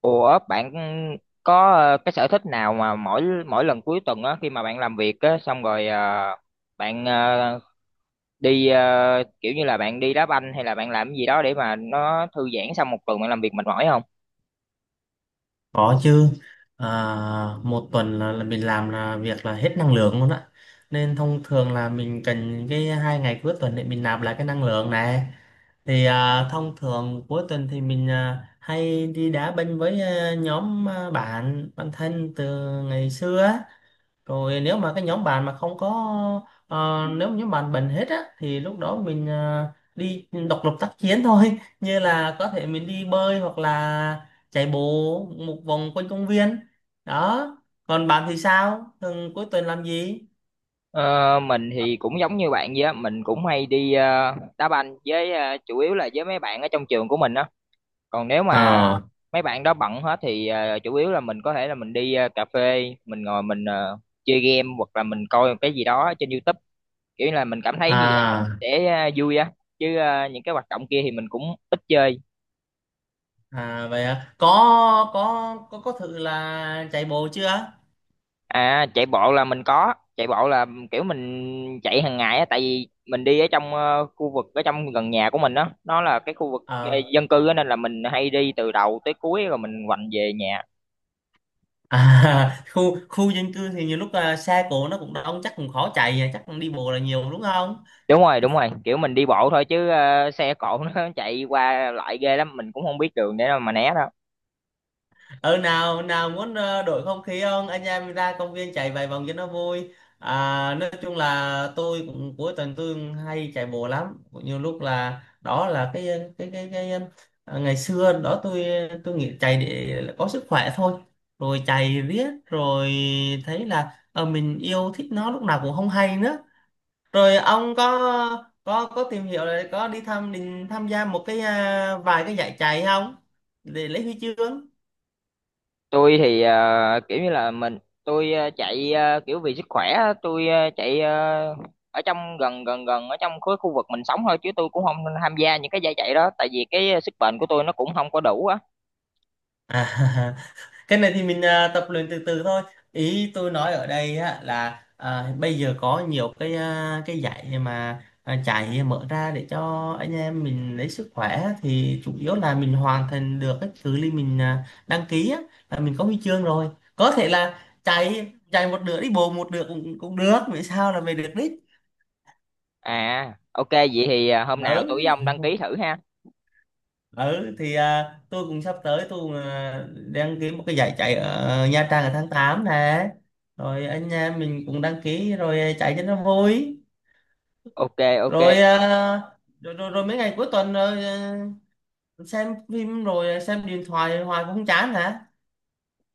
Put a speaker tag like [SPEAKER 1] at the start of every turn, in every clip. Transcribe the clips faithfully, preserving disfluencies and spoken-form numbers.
[SPEAKER 1] Ủa bạn có ờ, cái sở thích nào mà mỗi mỗi lần cuối tuần á khi mà bạn làm việc á xong rồi ờ, bạn ờ, đi ờ, kiểu như là bạn đi đá banh hay là bạn làm cái gì đó để mà nó thư giãn sau một tuần bạn làm việc mệt mỏi không?
[SPEAKER 2] Có chứ. à, Một tuần là, là mình làm là việc là hết năng lượng luôn á, nên thông thường là mình cần cái hai ngày cuối tuần để mình nạp lại cái năng lượng này. Thì à, thông thường cuối tuần thì mình à, hay đi đá banh với à, nhóm à, bạn bạn thân từ ngày xưa á. Rồi nếu mà cái nhóm bạn mà không có, ờ, nếu mà nhóm bạn bệnh hết á thì lúc đó mình ờ, đi độc lập tác chiến thôi. Như là có thể mình đi bơi hoặc là chạy bộ một vòng quanh công viên đó. Còn bạn thì sao, thường cuối tuần làm gì?
[SPEAKER 1] Ờ, mình thì cũng giống như bạn vậy á, mình cũng hay đi ờ, đá banh với ờ, chủ yếu là với mấy bạn ở trong trường của mình á. Còn nếu
[SPEAKER 2] ờ
[SPEAKER 1] mà mấy bạn đó bận hết thì ờ, chủ yếu là mình có thể là mình đi ờ, cà phê, mình ngồi mình ờ, chơi game hoặc là mình coi cái gì đó trên YouTube, kiểu là mình cảm thấy như vậy mình
[SPEAKER 2] à
[SPEAKER 1] sẽ à, vui á chứ à, những cái hoạt động kia thì mình cũng ít chơi.
[SPEAKER 2] à vậy à? Có có có có thử là chạy bộ chưa?
[SPEAKER 1] À, chạy bộ là mình có chạy bộ, là kiểu mình chạy hàng ngày á, tại vì mình đi ở trong ờ, khu vực ở trong gần nhà của mình đó, nó là cái khu vực ờ,
[SPEAKER 2] Ờ.
[SPEAKER 1] dân cư á, nên là mình hay đi từ đầu tới cuối rồi mình quành về nhà.
[SPEAKER 2] à, khu khu dân cư thì nhiều lúc à, xe cộ nó cũng đông, chắc cũng khó chạy, à, chắc đi bộ là nhiều đúng không?
[SPEAKER 1] Đúng rồi, đúng rồi, kiểu mình đi bộ thôi chứ ờ, xe cộ nó chạy qua lại ghê lắm, mình cũng không biết đường để mà né đâu.
[SPEAKER 2] Ừ, nào nào muốn ờ, đổi không khí không, anh em ra công viên chạy vài vòng cho nó vui. À, nói chung là tôi cũng cuối tuần tôi cũng hay chạy bộ lắm, nhiều lúc là đó là cái cái cái, cái ờ, ngày xưa đó tôi tôi nghĩ chạy để có sức khỏe thôi, rồi chạy riết rồi thấy là ờ, mình yêu thích nó lúc nào cũng không hay nữa. Rồi ông có có có tìm hiểu là có đi tham định tham gia một cái à, vài cái giải chạy không, để lấy huy chương?
[SPEAKER 1] Tôi thì ờ, kiểu như là mình tôi ờ, chạy ờ, kiểu vì sức khỏe á, tôi ờ, chạy ờ, ở trong gần gần gần ở trong khối khu vực mình sống thôi, chứ tôi cũng không tham gia những cái giải chạy đó, tại vì cái ờ, sức bền của tôi nó cũng không có đủ á.
[SPEAKER 2] À. Cái này thì mình à, tập luyện từ từ thôi. Ý tôi nói ở đây á, là à, bây giờ có nhiều cái à, cái dạy mà à, chạy mở ra để cho anh em mình lấy sức khỏe á, thì chủ yếu là mình hoàn thành được cái cự ly mình à, đăng ký á, là mình có huy chương rồi. Có thể là chạy chạy một nửa đi bộ một nửa cũng cũng được, vì sao là về được đích.
[SPEAKER 1] À, ok, vậy thì ờ, hôm nào tôi với ông
[SPEAKER 2] Ừ.
[SPEAKER 1] đăng ký thử ha.
[SPEAKER 2] Ừ, thì à, tôi cũng sắp tới tôi cũng, à, đăng ký một cái giải chạy ở Nha Trang ở tháng tám nè, rồi anh em mình cũng đăng ký rồi chạy cho nó vui.
[SPEAKER 1] Ok, ok.
[SPEAKER 2] Rồi à, rồi, rồi, rồi mấy ngày cuối tuần rồi, à, xem phim rồi xem điện thoại hoài cũng không chán hả?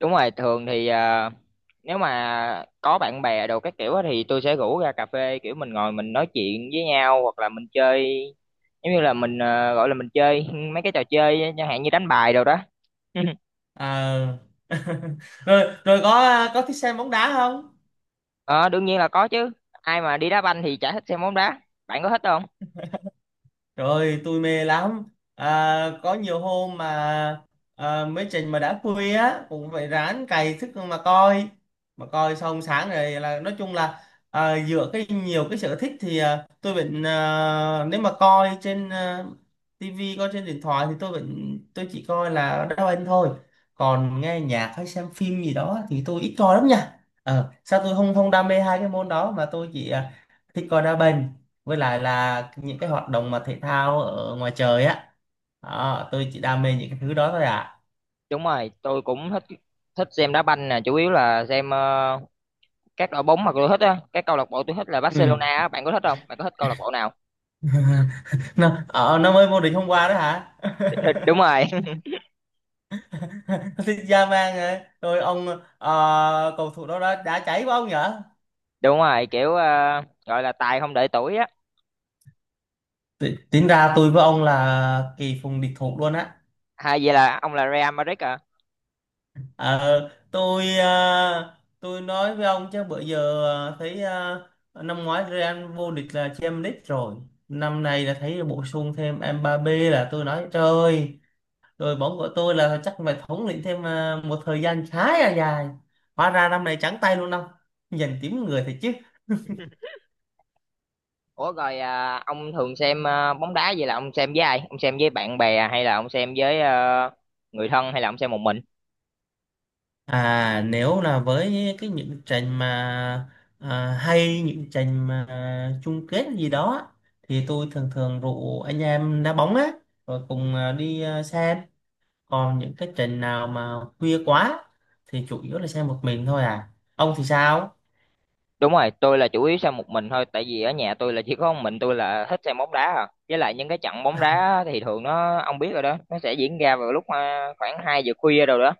[SPEAKER 1] Đúng rồi, thường thì à, nếu mà có bạn bè đồ các kiểu á thì tôi sẽ rủ ra cà phê, kiểu mình ngồi mình nói chuyện với nhau, hoặc là mình chơi, giống như là mình à, gọi là mình chơi mấy cái trò chơi chẳng hạn như đánh bài đồ đó.
[SPEAKER 2] À. Rồi rồi có có thích xem bóng đá không?
[SPEAKER 1] Ờ, đương nhiên là có chứ, ai mà đi đá banh thì chả thích xem bóng đá. Bạn có thích không?
[SPEAKER 2] Rồi, tôi mê lắm. À, có nhiều hôm mà à, mấy trình mà đã khuya á cũng phải ráng cày thức mà coi, mà coi xong sáng rồi, là nói chung là à, dựa cái nhiều cái sở thích thì à, tôi vẫn à, nếu mà coi trên à, tivi, coi trên điện thoại thì tôi vẫn tôi chỉ coi là đá banh thôi. Còn nghe nhạc hay xem phim gì đó thì tôi ít coi lắm nha. Ờ, sao tôi không không đam mê hai cái môn đó mà tôi chỉ à, thích coi đá banh với lại là những cái hoạt động mà thể thao ở ngoài trời á. Đó, tôi chỉ đam mê những cái thứ đó thôi ạ.
[SPEAKER 1] Đúng rồi, tôi cũng thích, thích xem đá banh nè, chủ yếu là xem ờ, các đội bóng mà tôi thích á, cái câu lạc bộ tôi thích là
[SPEAKER 2] Ừ.
[SPEAKER 1] Barcelona á. Bạn có thích không, bạn có thích câu lạc bộ nào?
[SPEAKER 2] Nó ờ, nó mới vô địch hôm qua đó hả?
[SPEAKER 1] Đúng rồi,
[SPEAKER 2] Thì ra mang rồi rồi ông. Ờ, cầu thủ đó đã, đã cháy quá ông nhở.
[SPEAKER 1] đúng rồi, kiểu ờ, gọi là tài không đợi tuổi á.
[SPEAKER 2] Ti- tính ra tôi với ông là kỳ phùng địch thủ luôn á.
[SPEAKER 1] Hay vậy, là ông là Real Madrid à?
[SPEAKER 2] Ờ, tôi à, tôi nói với ông chứ bữa giờ, à, thấy à, năm ngoái Real vô địch là Champions League rồi. Năm nay là thấy bổ sung thêm Mbappé, là tôi nói trời ơi, đội bóng của tôi là chắc phải thống lĩnh thêm à, một thời gian khá là dài, hóa ra năm nay trắng tay luôn ông. Nhìn tím người thật chứ.
[SPEAKER 1] Ủa rồi, ờ, ông thường xem ờ, bóng đá, vậy là ông xem với ai, ông xem với bạn bè à, hay là ông xem với ờ, người thân, hay là ông xem một mình?
[SPEAKER 2] À, nếu là với cái những trận mà à, hay những trận mà à, chung kết gì đó thì tôi thường thường rủ anh em đá bóng á, rồi cùng à, đi à, xem. Còn những cái trận nào mà khuya quá thì chủ yếu là xem một mình thôi à Ông thì sao?
[SPEAKER 1] Đúng rồi, tôi là chủ yếu xem một mình thôi, tại vì ở nhà tôi là chỉ có một mình tôi là thích xem bóng đá à. Với lại những cái trận bóng đá thì thường nó, ông biết rồi đó, nó sẽ diễn ra vào lúc ờ, khoảng hai giờ khuya rồi đó.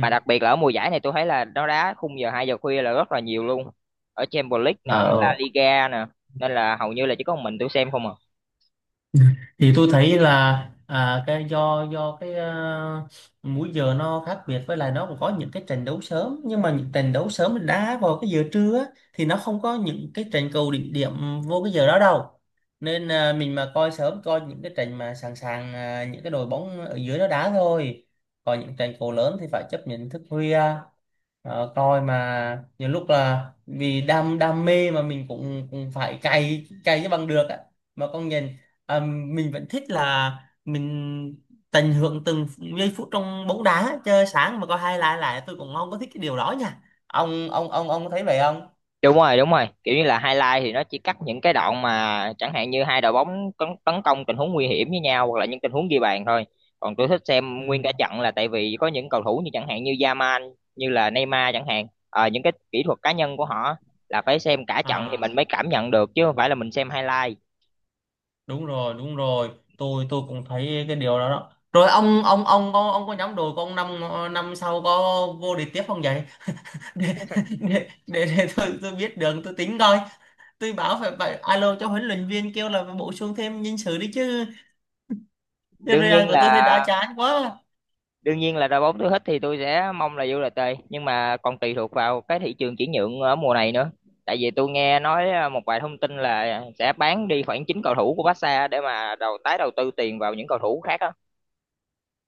[SPEAKER 1] Mà đặc biệt là ở mùa giải này tôi thấy là nó đá khung giờ hai giờ khuya là rất là nhiều luôn, ở Champions League nè, ở
[SPEAKER 2] Ờ,
[SPEAKER 1] La Liga nè, nên là hầu như là chỉ có một mình tôi xem không à.
[SPEAKER 2] thì tôi thấy là à, cái do do cái à, múi giờ nó khác biệt, với lại nó cũng có những cái trận đấu sớm, nhưng mà những trận đấu sớm đá vào cái giờ trưa á, thì nó không có những cái trận cầu đỉnh điểm vô cái giờ đó đâu. Nên à, mình mà coi sớm coi những cái trận mà sẵn sàng à, những cái đội bóng ở dưới nó đá thôi. Còn những trận cầu lớn thì phải chấp nhận thức khuya. Đó, coi mà nhiều lúc là vì đam đam mê mà mình cũng cũng phải cày cày cho bằng được á. Mà con nhìn, à, mình vẫn thích là mình tận hưởng từng giây phút trong bóng đá. Chơi sáng mà coi hai lại lại tôi cũng không có thích cái điều đó nha. Ông ông ông ông có thấy vậy không?
[SPEAKER 1] Đúng rồi, đúng rồi, kiểu như là highlight thì nó chỉ cắt những cái đoạn mà chẳng hạn như hai đội bóng tấn, tấn công tình huống nguy hiểm với nhau, hoặc là những tình huống ghi bàn thôi. Còn tôi thích xem nguyên cả
[SPEAKER 2] Ừ.
[SPEAKER 1] trận, là tại vì có những cầu thủ như chẳng hạn như Yamal, như là Neymar chẳng hạn. Ờ, những cái kỹ thuật cá nhân của họ là phải xem cả trận thì
[SPEAKER 2] À,
[SPEAKER 1] mình mới cảm nhận được, chứ không phải là mình xem highlight.
[SPEAKER 2] đúng rồi đúng rồi tôi tôi cũng thấy cái điều đó đó. Rồi ông ông ông có, ông có nhóm đội của ông năm năm sau có vô địch tiếp không vậy, để để để, để tôi tôi biết đường tôi tính coi. Tôi bảo phải phải alo cho huấn luyện viên kêu là phải bổ sung thêm nhân sự đi chứ. Cái
[SPEAKER 1] đương
[SPEAKER 2] Real
[SPEAKER 1] nhiên
[SPEAKER 2] của tôi thấy
[SPEAKER 1] là
[SPEAKER 2] đã chán quá.
[SPEAKER 1] đương nhiên là đội bóng tôi thích thì tôi sẽ mong là vô đê tê, nhưng mà còn tùy thuộc vào cái thị trường chuyển nhượng ở mùa này nữa. Tại vì tôi nghe nói à, một vài thông tin là sẽ bán đi khoảng chín cầu thủ của Barca để mà đầu tái đầu tư tiền vào những cầu thủ khác á.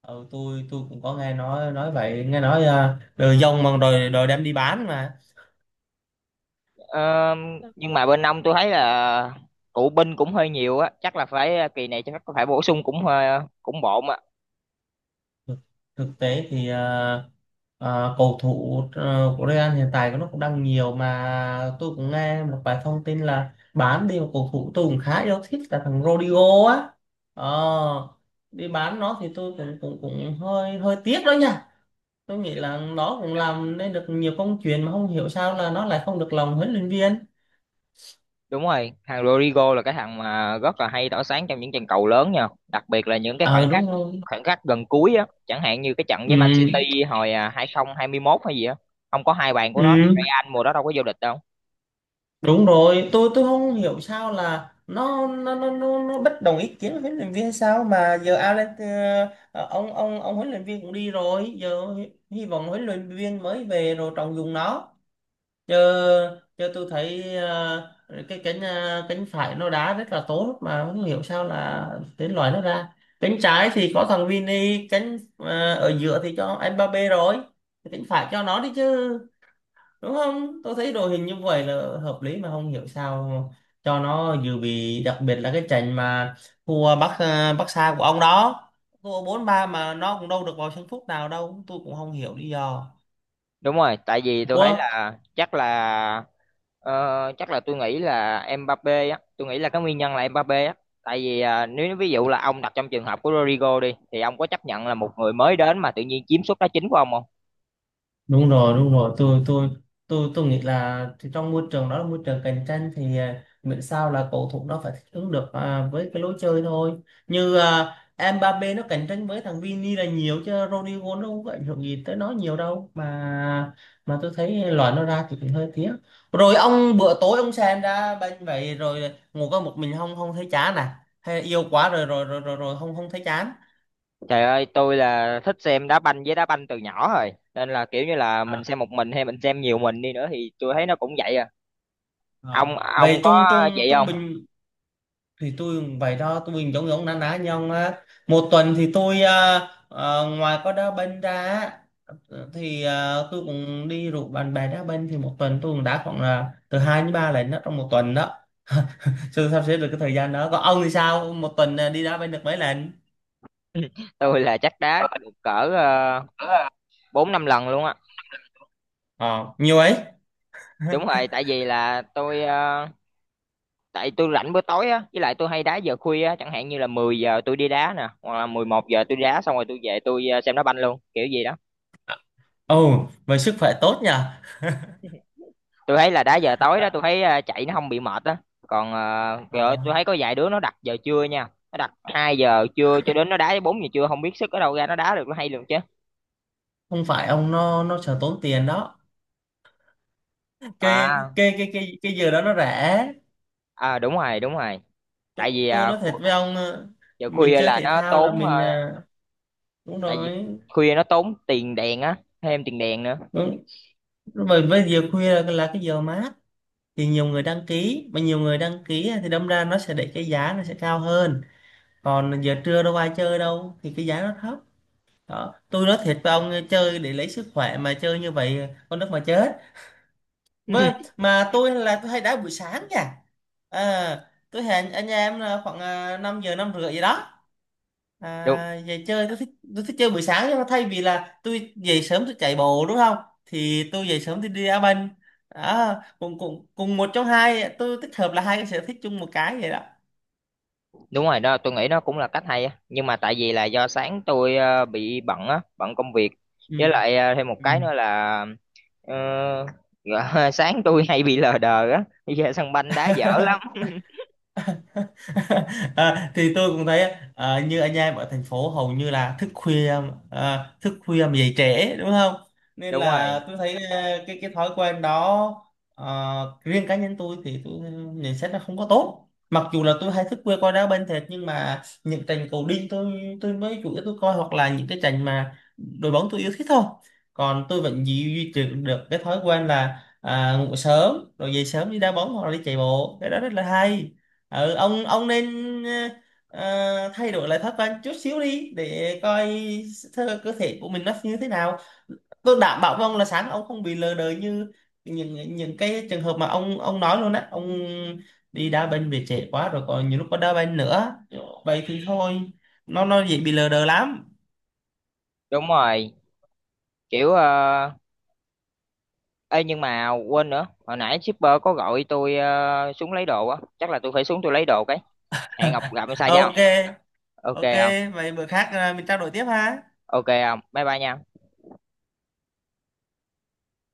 [SPEAKER 2] Ừ, tôi tôi cũng có nghe nói nói vậy, nghe nói uh, đồ dông mà rồi rồi đem đi bán mà.
[SPEAKER 1] Ờ, nhưng mà bên ông tôi thấy là cựu binh cũng hơi nhiều á, chắc là phải à, kỳ này chắc phải bổ sung cũng hơi cũng bộn á.
[SPEAKER 2] Thực Thực tế thì ờ, ờ, cầu thủ ờ, của Real hiện tại nó cũng đang nhiều, mà tôi cũng nghe một vài thông tin là bán đi một cầu thủ tôi cũng khá yêu thích là thằng Rodrigo á. Ờ, đi bán nó thì tôi cũng cũng cũng hơi hơi tiếc đó nha. Tôi nghĩ là nó cũng làm nên được nhiều công chuyện mà không hiểu sao là nó lại không được lòng huấn luyện viên.
[SPEAKER 1] Đúng rồi, thằng Rodrigo là cái thằng mà rất là hay tỏa sáng trong những trận cầu lớn nha, đặc biệt là những cái khoảnh
[SPEAKER 2] Ờ,
[SPEAKER 1] khắc
[SPEAKER 2] đúng rồi.
[SPEAKER 1] khoảnh khắc gần cuối á, chẳng hạn như cái trận
[SPEAKER 2] Ừ.
[SPEAKER 1] với Man City hồi à, hai không hai một hay gì á, không có hai bàn của nó thì
[SPEAKER 2] Ừ.
[SPEAKER 1] Real mùa đó đâu có vô địch đâu.
[SPEAKER 2] Đúng rồi, tôi tôi không hiểu sao là nó nó nó nó, nó bất đồng ý kiến với huấn luyện viên, sao mà giờ Alan ờ, ờ, ông ông ông huấn luyện viên cũng đi rồi, giờ hy hy vọng huấn luyện viên mới về rồi trọng dụng nó. Giờ Giờ tôi thấy ờ, cái cánh ờ, cánh phải nó đá rất là tốt mà không hiểu sao là đến loại nó ra. Cánh trái thì có thằng Vini, cánh ờ, ở giữa thì cho Mbappe rồi, cánh phải cho nó đi chứ, đúng không? Tôi thấy đội hình như vậy là hợp lý mà không hiểu sao cho nó dự bị, đặc biệt là cái trận mà thua Bắc ờ, Bắc Sa của ông đó, thua bốn ba mà nó cũng đâu được vào sân phút nào đâu, tôi cũng không hiểu lý do.
[SPEAKER 1] Đúng rồi, tại vì tôi thấy
[SPEAKER 2] Ủa,
[SPEAKER 1] là chắc là ờ, chắc là tôi nghĩ là Mbappé á, tôi nghĩ là cái nguyên nhân là Mbappé á, tại vì à, nếu ví dụ là ông đặt trong trường hợp của Rodrigo đi thì ông có chấp nhận là một người mới đến mà tự nhiên chiếm suất đá chính của ông không?
[SPEAKER 2] đúng rồi đúng rồi tôi tôi tôi tôi nghĩ là thì trong môi trường đó là môi trường cạnh tranh, thì à, miễn sao là cầu thủ nó phải thích ứng được à, với cái lối chơi thôi. Như à, Mbappé nó cạnh tranh với thằng Vini là nhiều chứ Rodrigo nó không có ảnh hưởng gì tới nó nhiều đâu mà mà tôi thấy loại nó ra thì cũng hơi tiếc. Rồi ông bữa tối ông xem ra bên vậy rồi ngồi có một mình không, không thấy chán à hay yêu quá rồi rồi rồi rồi, rồi không không thấy chán?
[SPEAKER 1] Trời ơi, tôi là thích xem đá banh, với đá banh từ nhỏ rồi. Nên là kiểu như là mình
[SPEAKER 2] À,
[SPEAKER 1] xem một mình hay mình xem nhiều mình đi nữa thì tôi thấy nó cũng vậy à.
[SPEAKER 2] à.
[SPEAKER 1] Ông ông
[SPEAKER 2] Vậy trung
[SPEAKER 1] có
[SPEAKER 2] trung
[SPEAKER 1] vậy
[SPEAKER 2] trung
[SPEAKER 1] không?
[SPEAKER 2] bình thì tôi cũng vậy đó, tôi mình giống giống na ná nhau á. Một tuần thì tôi à, à, ngoài có đá banh ra á, thì à, tôi cũng đi rủ bạn bè đá banh thì một tuần tôi cũng đá khoảng là từ hai đến ba lần đó, trong một tuần đó. Chưa sắp xếp được cái thời gian đó. Còn ông thì sao, một tuần à, đi đá banh được mấy lần?
[SPEAKER 1] Tôi là chắc đá được cỡ uh, bốn năm lần luôn á.
[SPEAKER 2] Ờ, nhiều ấy.
[SPEAKER 1] Đúng rồi, tại vì là tôi ờ, tại tôi rảnh bữa tối á, với lại tôi hay đá giờ khuya á, chẳng hạn như là mười giờ tôi đi đá nè, hoặc là mười một giờ tôi đi đá xong rồi tôi về tôi ờ, xem đá banh luôn, kiểu gì đó.
[SPEAKER 2] Ồ vậy sức khỏe tốt nhỉ.
[SPEAKER 1] Tôi thấy là đá giờ tối đó tôi thấy ờ, chạy nó không bị mệt á. Còn ờ,
[SPEAKER 2] Ờ,
[SPEAKER 1] trời ơi, tôi thấy có vài đứa nó đặt giờ trưa nha, nó đặt hai giờ trưa cho đến nó đá tới bốn giờ trưa, không biết sức ở đâu ra nó đá được, nó hay luôn chứ.
[SPEAKER 2] không phải ông, nó nó sợ tốn tiền đó. cái
[SPEAKER 1] À,
[SPEAKER 2] cái cái cái cái giờ đó nó rẻ.
[SPEAKER 1] à đúng rồi, đúng rồi,
[SPEAKER 2] Tôi,
[SPEAKER 1] tại vì
[SPEAKER 2] tôi
[SPEAKER 1] à,
[SPEAKER 2] nói thật
[SPEAKER 1] khu-
[SPEAKER 2] với ông, ờ,
[SPEAKER 1] giờ
[SPEAKER 2] mình
[SPEAKER 1] khuya
[SPEAKER 2] chơi
[SPEAKER 1] là
[SPEAKER 2] thể
[SPEAKER 1] nó
[SPEAKER 2] thao là
[SPEAKER 1] tốn
[SPEAKER 2] mình
[SPEAKER 1] ờ,
[SPEAKER 2] à, đúng
[SPEAKER 1] tại vì
[SPEAKER 2] rồi
[SPEAKER 1] khuya nó tốn tiền đèn á, thêm tiền đèn nữa.
[SPEAKER 2] đúng, bởi với giờ khuya là, là cái giờ mát thì nhiều người đăng ký, mà nhiều người đăng ký á, thì đâm ra nó sẽ để cái giá nó sẽ cao hơn. Còn giờ trưa đâu ai chơi đâu thì cái giá nó thấp đó. Tôi nói thiệt với ông, ờ, chơi để lấy sức khỏe mà chơi như vậy ờ, con đất mà chết. Với, mà tôi là tôi hay đá buổi sáng nha. à, tôi hẹn anh em là khoảng à, năm giờ năm rưỡi gì đó.
[SPEAKER 1] Đúng,
[SPEAKER 2] À, về chơi tôi thích, tôi thích chơi buổi sáng, nhưng mà thay vì là tôi về sớm tôi chạy bộ đúng không, thì tôi về sớm tôi đi đá banh. Đó cùng cùng cùng một trong hai tôi tích hợp là hai cái sở thích chung một cái vậy đó.
[SPEAKER 1] đúng rồi đó, tôi nghĩ nó cũng là cách hay á, nhưng mà tại vì là do sáng tôi ờ, bị bận á, bận công việc,
[SPEAKER 2] Ừ.
[SPEAKER 1] với lại ờ, thêm một
[SPEAKER 2] Ừ.
[SPEAKER 1] cái nữa là, Ờ, ngờ- sáng tôi hay bị lờ đờ á, bây giờ sân banh đá dở lắm.
[SPEAKER 2] À, thì tôi cũng thấy à, như anh em ở thành phố hầu như là thức khuya, à, thức khuya mà dậy trễ đúng không. Nên
[SPEAKER 1] Đúng
[SPEAKER 2] là
[SPEAKER 1] rồi,
[SPEAKER 2] tôi thấy à, cái cái thói quen đó, à, riêng cá nhân tôi thì tôi nhận xét là không có tốt, mặc dù là tôi hay thức khuya coi đá banh thiệt, nhưng mà những trận cầu đinh tôi tôi mới chủ yếu tôi coi, hoặc là những cái trận mà đội bóng tôi yêu thích thôi. Còn tôi vẫn duy duy trì được cái thói quen là à, ngủ sớm rồi dậy sớm đi đá bóng hoặc là đi chạy bộ, cái đó rất là hay. Ừ, ông ông nên ờ, ờ, thay đổi lại thói quen chút xíu đi để coi thơ cơ thể của mình nó như thế nào. Tôi đảm bảo với ông là sáng ông không bị lờ đờ như những những cái trường hợp mà ông ông nói luôn á. Ông đi đá banh về trễ quá rồi, còn nhiều lúc có đá banh nữa, vậy thì thôi, nó nó dễ bị lờ đờ lắm.
[SPEAKER 1] đúng rồi, kiểu uh, ê nhưng mà quên nữa, hồi nãy shipper có gọi tôi ờ, xuống lấy đồ á, chắc là tôi phải xuống tôi lấy đồ cái, hẹn gặp gặp sao không?
[SPEAKER 2] Ok,
[SPEAKER 1] Ok
[SPEAKER 2] ok,
[SPEAKER 1] không?
[SPEAKER 2] vậy bữa khác à, mình trao đổi tiếp ha.
[SPEAKER 1] Ok không, bye bye nha.